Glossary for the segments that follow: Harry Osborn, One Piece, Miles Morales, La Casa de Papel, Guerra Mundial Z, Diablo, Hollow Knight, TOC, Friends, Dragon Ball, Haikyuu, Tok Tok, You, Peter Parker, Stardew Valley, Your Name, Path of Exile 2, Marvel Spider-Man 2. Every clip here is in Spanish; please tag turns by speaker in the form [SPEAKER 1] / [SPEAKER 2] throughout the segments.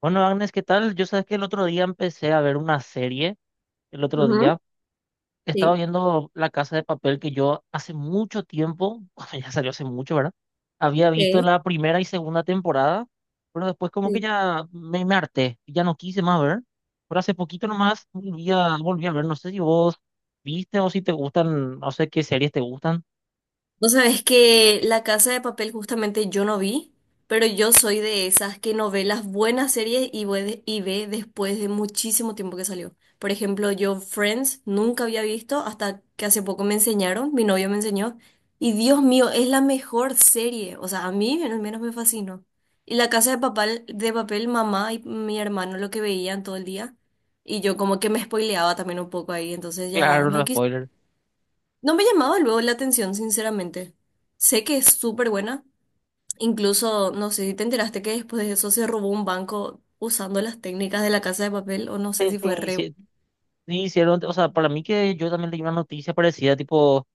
[SPEAKER 1] Bueno, Agnes, ¿qué tal? Yo sabes que el otro día empecé a ver una serie. El otro
[SPEAKER 2] Ujú.
[SPEAKER 1] día estaba
[SPEAKER 2] Sí,
[SPEAKER 1] viendo La Casa de Papel que yo hace mucho tiempo, bueno, ya salió hace mucho, ¿verdad? Había visto
[SPEAKER 2] sí,
[SPEAKER 1] la primera y segunda temporada, pero después como que
[SPEAKER 2] sí.
[SPEAKER 1] ya me harté, ya no quise más ver. Pero hace poquito nomás volví a ver, no sé si vos viste o si te gustan, no sé qué series te gustan.
[SPEAKER 2] Vos sabés que La Casa de Papel justamente yo no vi, pero yo soy de esas que no ve las buenas series y ve después de muchísimo tiempo que salió. Por ejemplo, yo Friends nunca había visto hasta que hace poco me enseñaron, mi novio me enseñó, y Dios mío, es la mejor serie. O sea, a mí al menos me fascinó. Y La Casa de Papel, mamá y mi hermano lo que veían todo el día. Y yo como que me spoileaba también un poco ahí, entonces ya
[SPEAKER 1] Claro,
[SPEAKER 2] no
[SPEAKER 1] no
[SPEAKER 2] quise.
[SPEAKER 1] spoiler.
[SPEAKER 2] No me llamaba luego la atención, sinceramente. Sé que es súper buena. Incluso, no sé si te enteraste que después de eso se robó un banco usando las técnicas de La Casa de Papel, o no sé
[SPEAKER 1] Sí,
[SPEAKER 2] si fue
[SPEAKER 1] sí,
[SPEAKER 2] re.
[SPEAKER 1] sí, te hicieron, o sea, para mí que yo también leí una noticia parecida, tipo,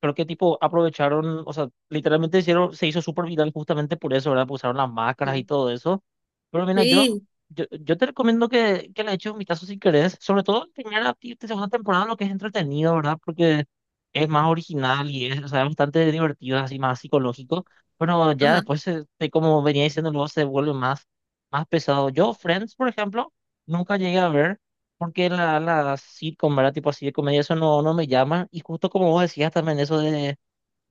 [SPEAKER 1] creo que tipo aprovecharon, o sea, literalmente hicieron, se hizo súper viral justamente por eso, ¿verdad? Porque usaron las máscaras y
[SPEAKER 2] Sí.
[SPEAKER 1] todo eso. Pero mira,
[SPEAKER 2] Sí.
[SPEAKER 1] yo te recomiendo que le eches un vistazo si querés, sobre todo en primera y segunda temporada, lo que es entretenido, ¿verdad? Porque es más original y es, o sea, es bastante divertido, así más psicológico. Pero ya
[SPEAKER 2] Ajá.
[SPEAKER 1] después, como venía diciendo, luego se vuelve más, más pesado. Yo, Friends, por ejemplo, nunca llegué a ver porque la sitcom, ¿verdad? Tipo así de comedia, eso no me llama. Y justo como vos decías también, eso de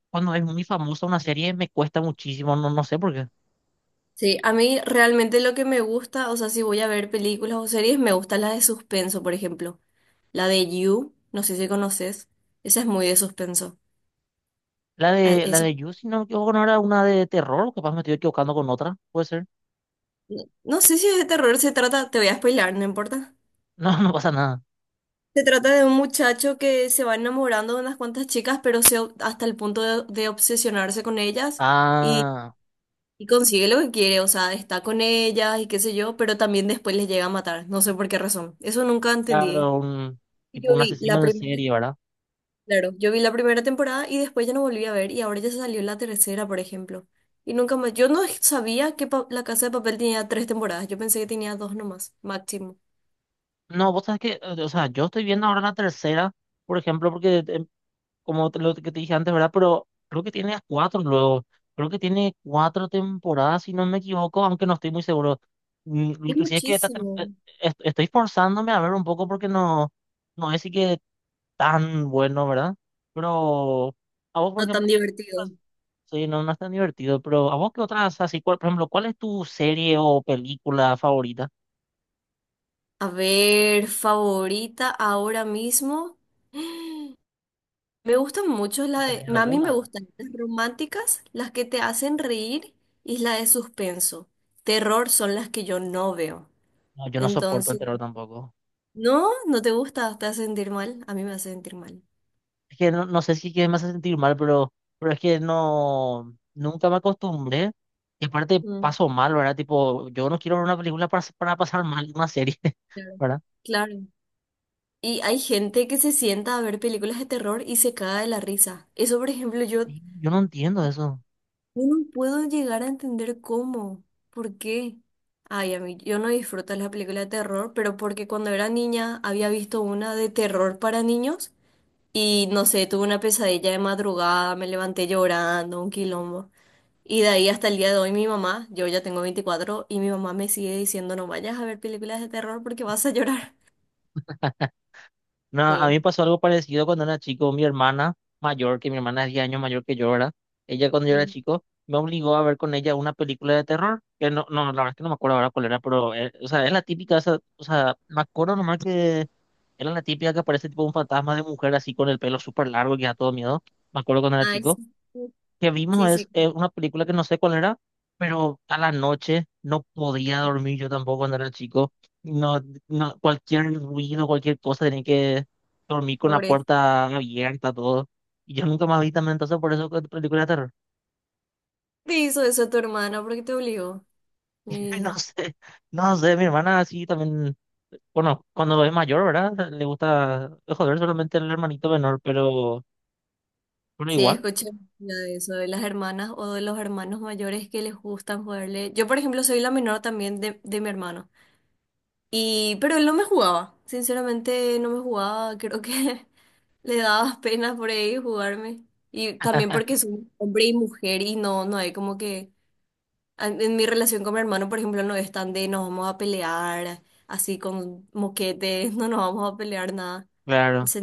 [SPEAKER 1] cuando es muy famosa una serie, me cuesta muchísimo, no sé por qué.
[SPEAKER 2] Sí, a mí realmente lo que me gusta, o sea, si voy a ver películas o series, me gusta la de suspenso, por ejemplo. La de You, no sé si conoces. Esa es muy de suspenso. Ah,
[SPEAKER 1] La
[SPEAKER 2] esa,
[SPEAKER 1] de You, si no me equivoco, no era una de terror, o capaz me estoy equivocando con otra, puede ser.
[SPEAKER 2] no sé si es de terror se trata, te voy a spoilar, no importa.
[SPEAKER 1] No, no pasa nada.
[SPEAKER 2] Se trata de un muchacho que se va enamorando de unas cuantas chicas, pero hasta el punto de obsesionarse con ellas y,
[SPEAKER 1] Ah,
[SPEAKER 2] y consigue lo que quiere, o sea, está con ellas y qué sé yo, pero también después les llega a matar, no sé por qué razón. Eso nunca entendí.
[SPEAKER 1] claro, un,
[SPEAKER 2] Y
[SPEAKER 1] tipo
[SPEAKER 2] yo
[SPEAKER 1] un
[SPEAKER 2] vi la
[SPEAKER 1] asesino en
[SPEAKER 2] primera,
[SPEAKER 1] serie, ¿verdad?
[SPEAKER 2] claro, yo vi la primera temporada y después ya no volví a ver y ahora ya se salió la tercera, por ejemplo. Y nunca más, yo no sabía que La Casa de Papel tenía tres temporadas, yo pensé que tenía dos nomás, máximo.
[SPEAKER 1] No, vos sabes que, o sea, yo estoy viendo ahora la tercera, por ejemplo, porque como lo que te dije antes, ¿verdad? Pero creo que tiene cuatro luego. Creo que tiene cuatro temporadas, si no me equivoco, aunque no estoy muy seguro. Lo
[SPEAKER 2] Es
[SPEAKER 1] que sí es que esta
[SPEAKER 2] muchísimo.
[SPEAKER 1] estoy forzándome a ver un poco porque no, no es así que tan bueno, ¿verdad? Pero a vos, por
[SPEAKER 2] No tan
[SPEAKER 1] ejemplo,
[SPEAKER 2] divertido.
[SPEAKER 1] sí, no, no es tan divertido, pero a vos, ¿qué otras así? Por ejemplo, ¿cuál es tu serie o película favorita?
[SPEAKER 2] A ver, favorita ahora mismo. Me gustan mucho
[SPEAKER 1] Si tenés
[SPEAKER 2] a mí
[SPEAKER 1] alguna,
[SPEAKER 2] me
[SPEAKER 1] ¿verdad?
[SPEAKER 2] gustan las románticas, las que te hacen reír y la de suspenso. Terror son las que yo no veo.
[SPEAKER 1] No, yo no soporto el
[SPEAKER 2] Entonces,
[SPEAKER 1] terror tampoco.
[SPEAKER 2] no, no te gusta, te hace sentir mal. A mí me hace sentir mal.
[SPEAKER 1] Es que no, no sé si que me hace sentir mal, pero es que no, nunca me acostumbré. Y aparte
[SPEAKER 2] Mm,
[SPEAKER 1] paso mal, ¿verdad? Tipo, yo no quiero ver una película para pasar mal una serie,
[SPEAKER 2] claro.
[SPEAKER 1] ¿verdad?
[SPEAKER 2] Claro. Y hay gente que se sienta a ver películas de terror y se caga de la risa. Eso, por ejemplo, yo.
[SPEAKER 1] Sí, yo no entiendo eso.
[SPEAKER 2] Yo no puedo llegar a entender cómo, por qué. Ay, a mí, yo no disfruto las películas de terror, pero porque cuando era niña había visto una de terror para niños y no sé, tuve una pesadilla de madrugada, me levanté llorando, un quilombo. Y de ahí hasta el día de hoy mi mamá, yo ya tengo 24 y mi mamá me sigue diciendo no vayas a ver películas de terror porque vas a llorar.
[SPEAKER 1] No, a mí
[SPEAKER 2] Sí.
[SPEAKER 1] me pasó algo parecido cuando era chico. Mi hermana mayor, que mi hermana es 10 años mayor que yo, ¿verdad? Ella cuando yo era
[SPEAKER 2] Mm.
[SPEAKER 1] chico me obligó a ver con ella una película de terror, que no, no, la verdad es que no me acuerdo ahora cuál era, pero, o sea, es la típica, o sea, me acuerdo nomás que era la típica que aparece tipo un fantasma de mujer así con el pelo súper largo que da todo miedo. Me acuerdo cuando era
[SPEAKER 2] Ay,
[SPEAKER 1] chico
[SPEAKER 2] sí.
[SPEAKER 1] que vimos
[SPEAKER 2] Sí, sí,
[SPEAKER 1] una película que no sé cuál era, pero a la noche no podía dormir yo tampoco cuando era chico. No, no, cualquier ruido, cualquier cosa, tenía que dormir con la
[SPEAKER 2] pobre.
[SPEAKER 1] puerta abierta, todo. Y yo nunca más vi también, entonces por eso que película de terror.
[SPEAKER 2] Te hizo eso tu hermana porque te obligó.
[SPEAKER 1] Y
[SPEAKER 2] Y
[SPEAKER 1] no sé, no sé, mi hermana así también, bueno, cuando es mayor, ¿verdad? Le gusta, joder, solamente el hermanito menor, pero
[SPEAKER 2] sí,
[SPEAKER 1] igual,
[SPEAKER 2] escuché mucho de eso, de las hermanas o de los hermanos mayores que les gustan jugarle. Yo, por ejemplo, soy la menor también de mi hermano. Y, pero él no me jugaba. Sinceramente, no me jugaba. Creo que le daba pena por ahí jugarme. Y también porque soy hombre y mujer y no, no hay como que... En mi relación con mi hermano, por ejemplo, no es tan de nos vamos a pelear así con moquetes, no nos vamos a pelear nada.
[SPEAKER 1] claro.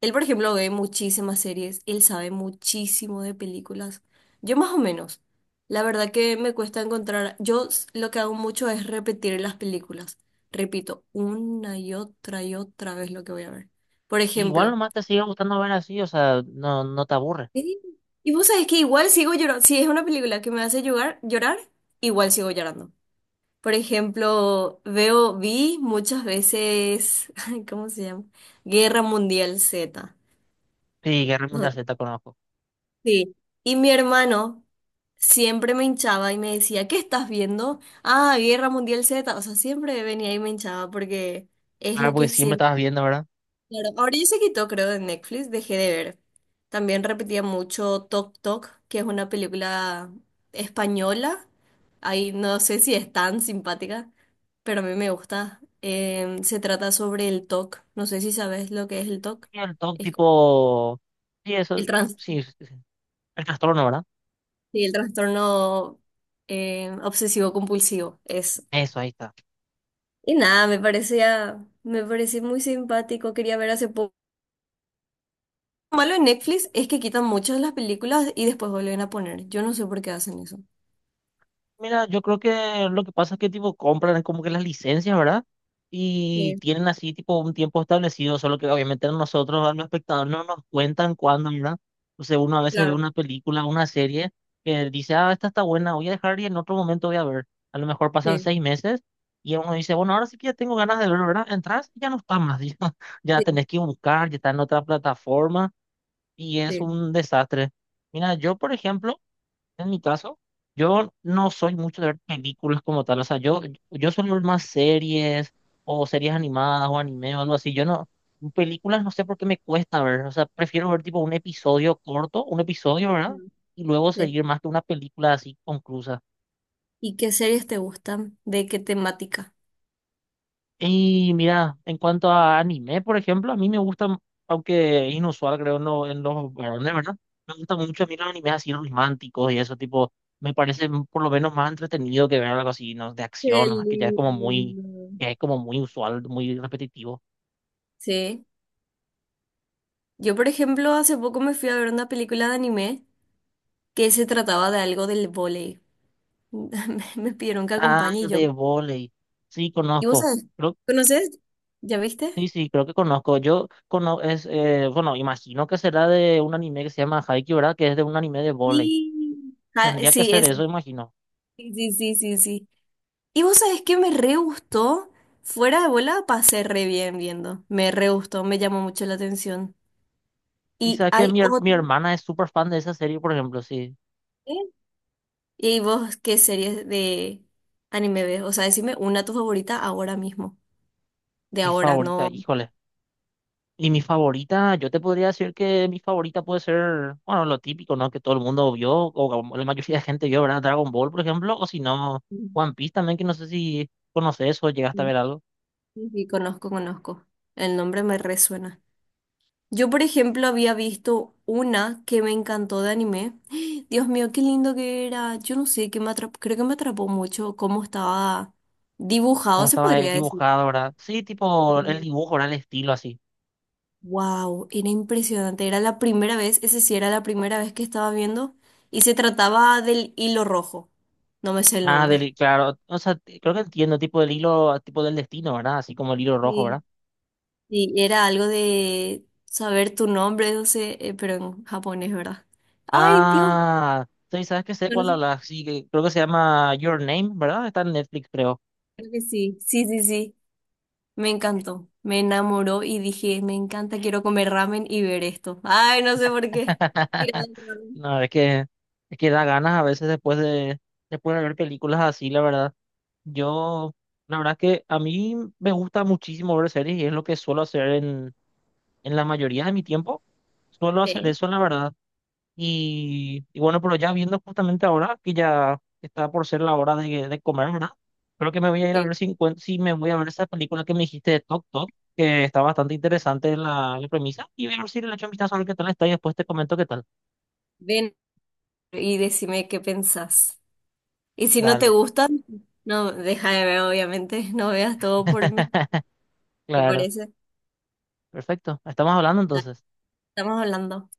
[SPEAKER 2] Él, por ejemplo, ve muchísimas series, él sabe muchísimo de películas. Yo más o menos. La verdad que me cuesta encontrar, lo que hago mucho es repetir las películas. Repito una y otra vez lo que voy a ver. Por
[SPEAKER 1] Igual
[SPEAKER 2] ejemplo,
[SPEAKER 1] nomás te sigue gustando ver así, o sea, no, no te aburre.
[SPEAKER 2] sí. Y vos sabés que igual sigo llorando, si es una película que me hace llorar, llorar, igual sigo llorando. Por ejemplo, veo, vi muchas veces, ¿cómo se llama? Guerra Mundial Z.
[SPEAKER 1] Sí, Guerra
[SPEAKER 2] No.
[SPEAKER 1] Mundial Z conozco.
[SPEAKER 2] Sí, y mi hermano siempre me hinchaba y me decía, ¿qué estás viendo? Ah, Guerra Mundial Z, o sea, siempre venía y me hinchaba porque es
[SPEAKER 1] Claro,
[SPEAKER 2] lo
[SPEAKER 1] porque
[SPEAKER 2] que
[SPEAKER 1] siempre
[SPEAKER 2] siempre...
[SPEAKER 1] estabas viendo, ¿verdad?
[SPEAKER 2] Claro, ahora ya se quitó, creo, de Netflix, dejé de ver. También repetía mucho Tok Tok, que es una película española. Ahí no sé si es tan simpática, pero a mí me gusta. Se trata sobre el TOC, no sé si sabes lo que es el TOC.
[SPEAKER 1] Y el TOC
[SPEAKER 2] Es
[SPEAKER 1] tipo, sí, eso,
[SPEAKER 2] el trastorno.
[SPEAKER 1] sí, sí, sí, el trastorno, ¿verdad?
[SPEAKER 2] Sí, el trastorno obsesivo compulsivo es.
[SPEAKER 1] Eso, ahí está.
[SPEAKER 2] Y nada, me parecía muy simpático. Quería ver hace poco. Lo malo en Netflix es que quitan muchas de las películas y después vuelven a poner. Yo no sé por qué hacen eso.
[SPEAKER 1] Mira, yo creo que lo que pasa es que tipo compran como que las licencias, ¿verdad? Y
[SPEAKER 2] Sí,
[SPEAKER 1] tienen así tipo un tiempo establecido, solo que obviamente a nosotros, a los espectadores, no nos cuentan cuándo, ¿verdad? Entonces uno a veces ve
[SPEAKER 2] claro.
[SPEAKER 1] una película, una serie que dice, ah, esta está buena, voy a dejar y en otro momento voy a ver. A lo mejor pasan
[SPEAKER 2] Sí,
[SPEAKER 1] 6 meses y uno dice, bueno, ahora sí que ya tengo ganas de verlo, ¿verdad? Entras y ya no está más, ya, ya
[SPEAKER 2] sí,
[SPEAKER 1] tenés que buscar, ya está en otra plataforma y es
[SPEAKER 2] sí.
[SPEAKER 1] un desastre. Mira, yo por ejemplo, en mi caso, yo no soy mucho de ver películas como tal, o sea, yo suelo ver más series o series animadas o anime o algo así, yo no, películas no sé por qué me cuesta ver, o sea, prefiero ver tipo un episodio corto, un episodio, ¿verdad?
[SPEAKER 2] Mm,
[SPEAKER 1] Y luego
[SPEAKER 2] sí.
[SPEAKER 1] seguir más que una película así conclusa.
[SPEAKER 2] ¿Y qué series te gustan? ¿De qué temática?
[SPEAKER 1] Y mira, en cuanto a anime, por ejemplo, a mí me gusta, aunque inusual creo no en los varones, ¿verdad? Me gustan mucho a mí los animes así románticos y eso, tipo, me parece por lo menos más entretenido que ver algo así, ¿no? De
[SPEAKER 2] Qué
[SPEAKER 1] acción, ¿no? Que ya es como muy,
[SPEAKER 2] lindo.
[SPEAKER 1] que es como muy usual, muy repetitivo.
[SPEAKER 2] Sí. Yo, por ejemplo, hace poco me fui a ver una película de anime que se trataba de algo del vóley. Me pidieron que
[SPEAKER 1] Ah,
[SPEAKER 2] acompañe y yo.
[SPEAKER 1] de volei. Sí,
[SPEAKER 2] ¿Y vos
[SPEAKER 1] conozco.
[SPEAKER 2] sabés?
[SPEAKER 1] Creo,
[SPEAKER 2] ¿Conoces? ¿Ya viste?
[SPEAKER 1] sí, sí, creo que conozco. Yo conozco, es, bueno, imagino que será de un anime que se llama Haikyuu, ¿verdad? Que es de un anime de volei.
[SPEAKER 2] Sí. Ah,
[SPEAKER 1] Tendría que
[SPEAKER 2] sí,
[SPEAKER 1] ser
[SPEAKER 2] ese.
[SPEAKER 1] eso, imagino.
[SPEAKER 2] Sí, sí, sí, sí, sí. ¿Y vos sabés qué me re gustó? Fuera de bola pasé re bien viendo. Me re gustó, me llamó mucho la atención.
[SPEAKER 1] Y
[SPEAKER 2] Y
[SPEAKER 1] sabes que
[SPEAKER 2] hay otra.
[SPEAKER 1] mi hermana es súper fan de esa serie, por ejemplo, sí.
[SPEAKER 2] ¿Eh? ¿Y vos qué series de anime ves? O sea, decime una tu favorita ahora mismo. De
[SPEAKER 1] Mi
[SPEAKER 2] ahora,
[SPEAKER 1] favorita,
[SPEAKER 2] no.
[SPEAKER 1] híjole. Y mi favorita, yo te podría decir que mi favorita puede ser, bueno, lo típico, ¿no? Que todo el mundo vio, o como la mayoría de gente vio, ¿verdad? Dragon Ball, por ejemplo, o si no, One Piece también, que no sé si conoces o llegaste a
[SPEAKER 2] No.
[SPEAKER 1] ver algo.
[SPEAKER 2] Sí, sí, conozco, conozco. El nombre me resuena. Yo, por ejemplo, había visto una que me encantó de anime. Dios mío, qué lindo que era. Yo no sé, que me atrapó, creo que me atrapó mucho cómo estaba dibujado,
[SPEAKER 1] Cómo
[SPEAKER 2] se
[SPEAKER 1] estaba
[SPEAKER 2] podría decir.
[SPEAKER 1] dibujado, ¿verdad? Sí, tipo el dibujo, ¿verdad? El estilo así.
[SPEAKER 2] Wow, era impresionante. Era la primera vez, ese sí era la primera vez que estaba viendo. Y se trataba del hilo rojo. No me sé el
[SPEAKER 1] Ah,
[SPEAKER 2] nombre.
[SPEAKER 1] del, claro, o sea, creo que entiendo, tipo del hilo, tipo del destino, ¿verdad? Así como el hilo rojo, ¿verdad?
[SPEAKER 2] Sí. Sí, era algo de saber tu nombre, no sé, pero en japonés, ¿verdad? Ay, Dios.
[SPEAKER 1] Ah, sí, ¿sabes que sé
[SPEAKER 2] Yo no.
[SPEAKER 1] cuál habla? Sí, que creo que se llama Your Name, ¿verdad? Está en Netflix, creo.
[SPEAKER 2] Creo que sí. Sí, sí, sí. Me encantó, me enamoró y dije, me encanta, quiero comer ramen y ver esto. Ay, no sé por qué. Tirado al ramen.
[SPEAKER 1] No, es que da ganas a veces después de ver películas así, la verdad. Yo, la verdad es que a mí me gusta muchísimo ver series y es lo que suelo hacer en la mayoría de mi tiempo. Suelo hacer
[SPEAKER 2] Sí,
[SPEAKER 1] eso, la verdad. Y bueno, pero ya viendo justamente ahora que ya está por ser la hora de comer, ¿verdad? Creo que me voy a ir a
[SPEAKER 2] sí.
[SPEAKER 1] ver si, si me voy a ver esa película que me dijiste de Tok Tok, que está bastante interesante la premisa. Y voy a ver si le echo un vistazo a ver qué tal está y después te comento qué tal.
[SPEAKER 2] Ven y decime qué pensás. Y si no te
[SPEAKER 1] Dale,
[SPEAKER 2] gustan, no, deja de ver, obviamente, no veas todo por mí, ¿te
[SPEAKER 1] claro.
[SPEAKER 2] parece?
[SPEAKER 1] Perfecto. Estamos hablando
[SPEAKER 2] Dale,
[SPEAKER 1] entonces.
[SPEAKER 2] estamos hablando.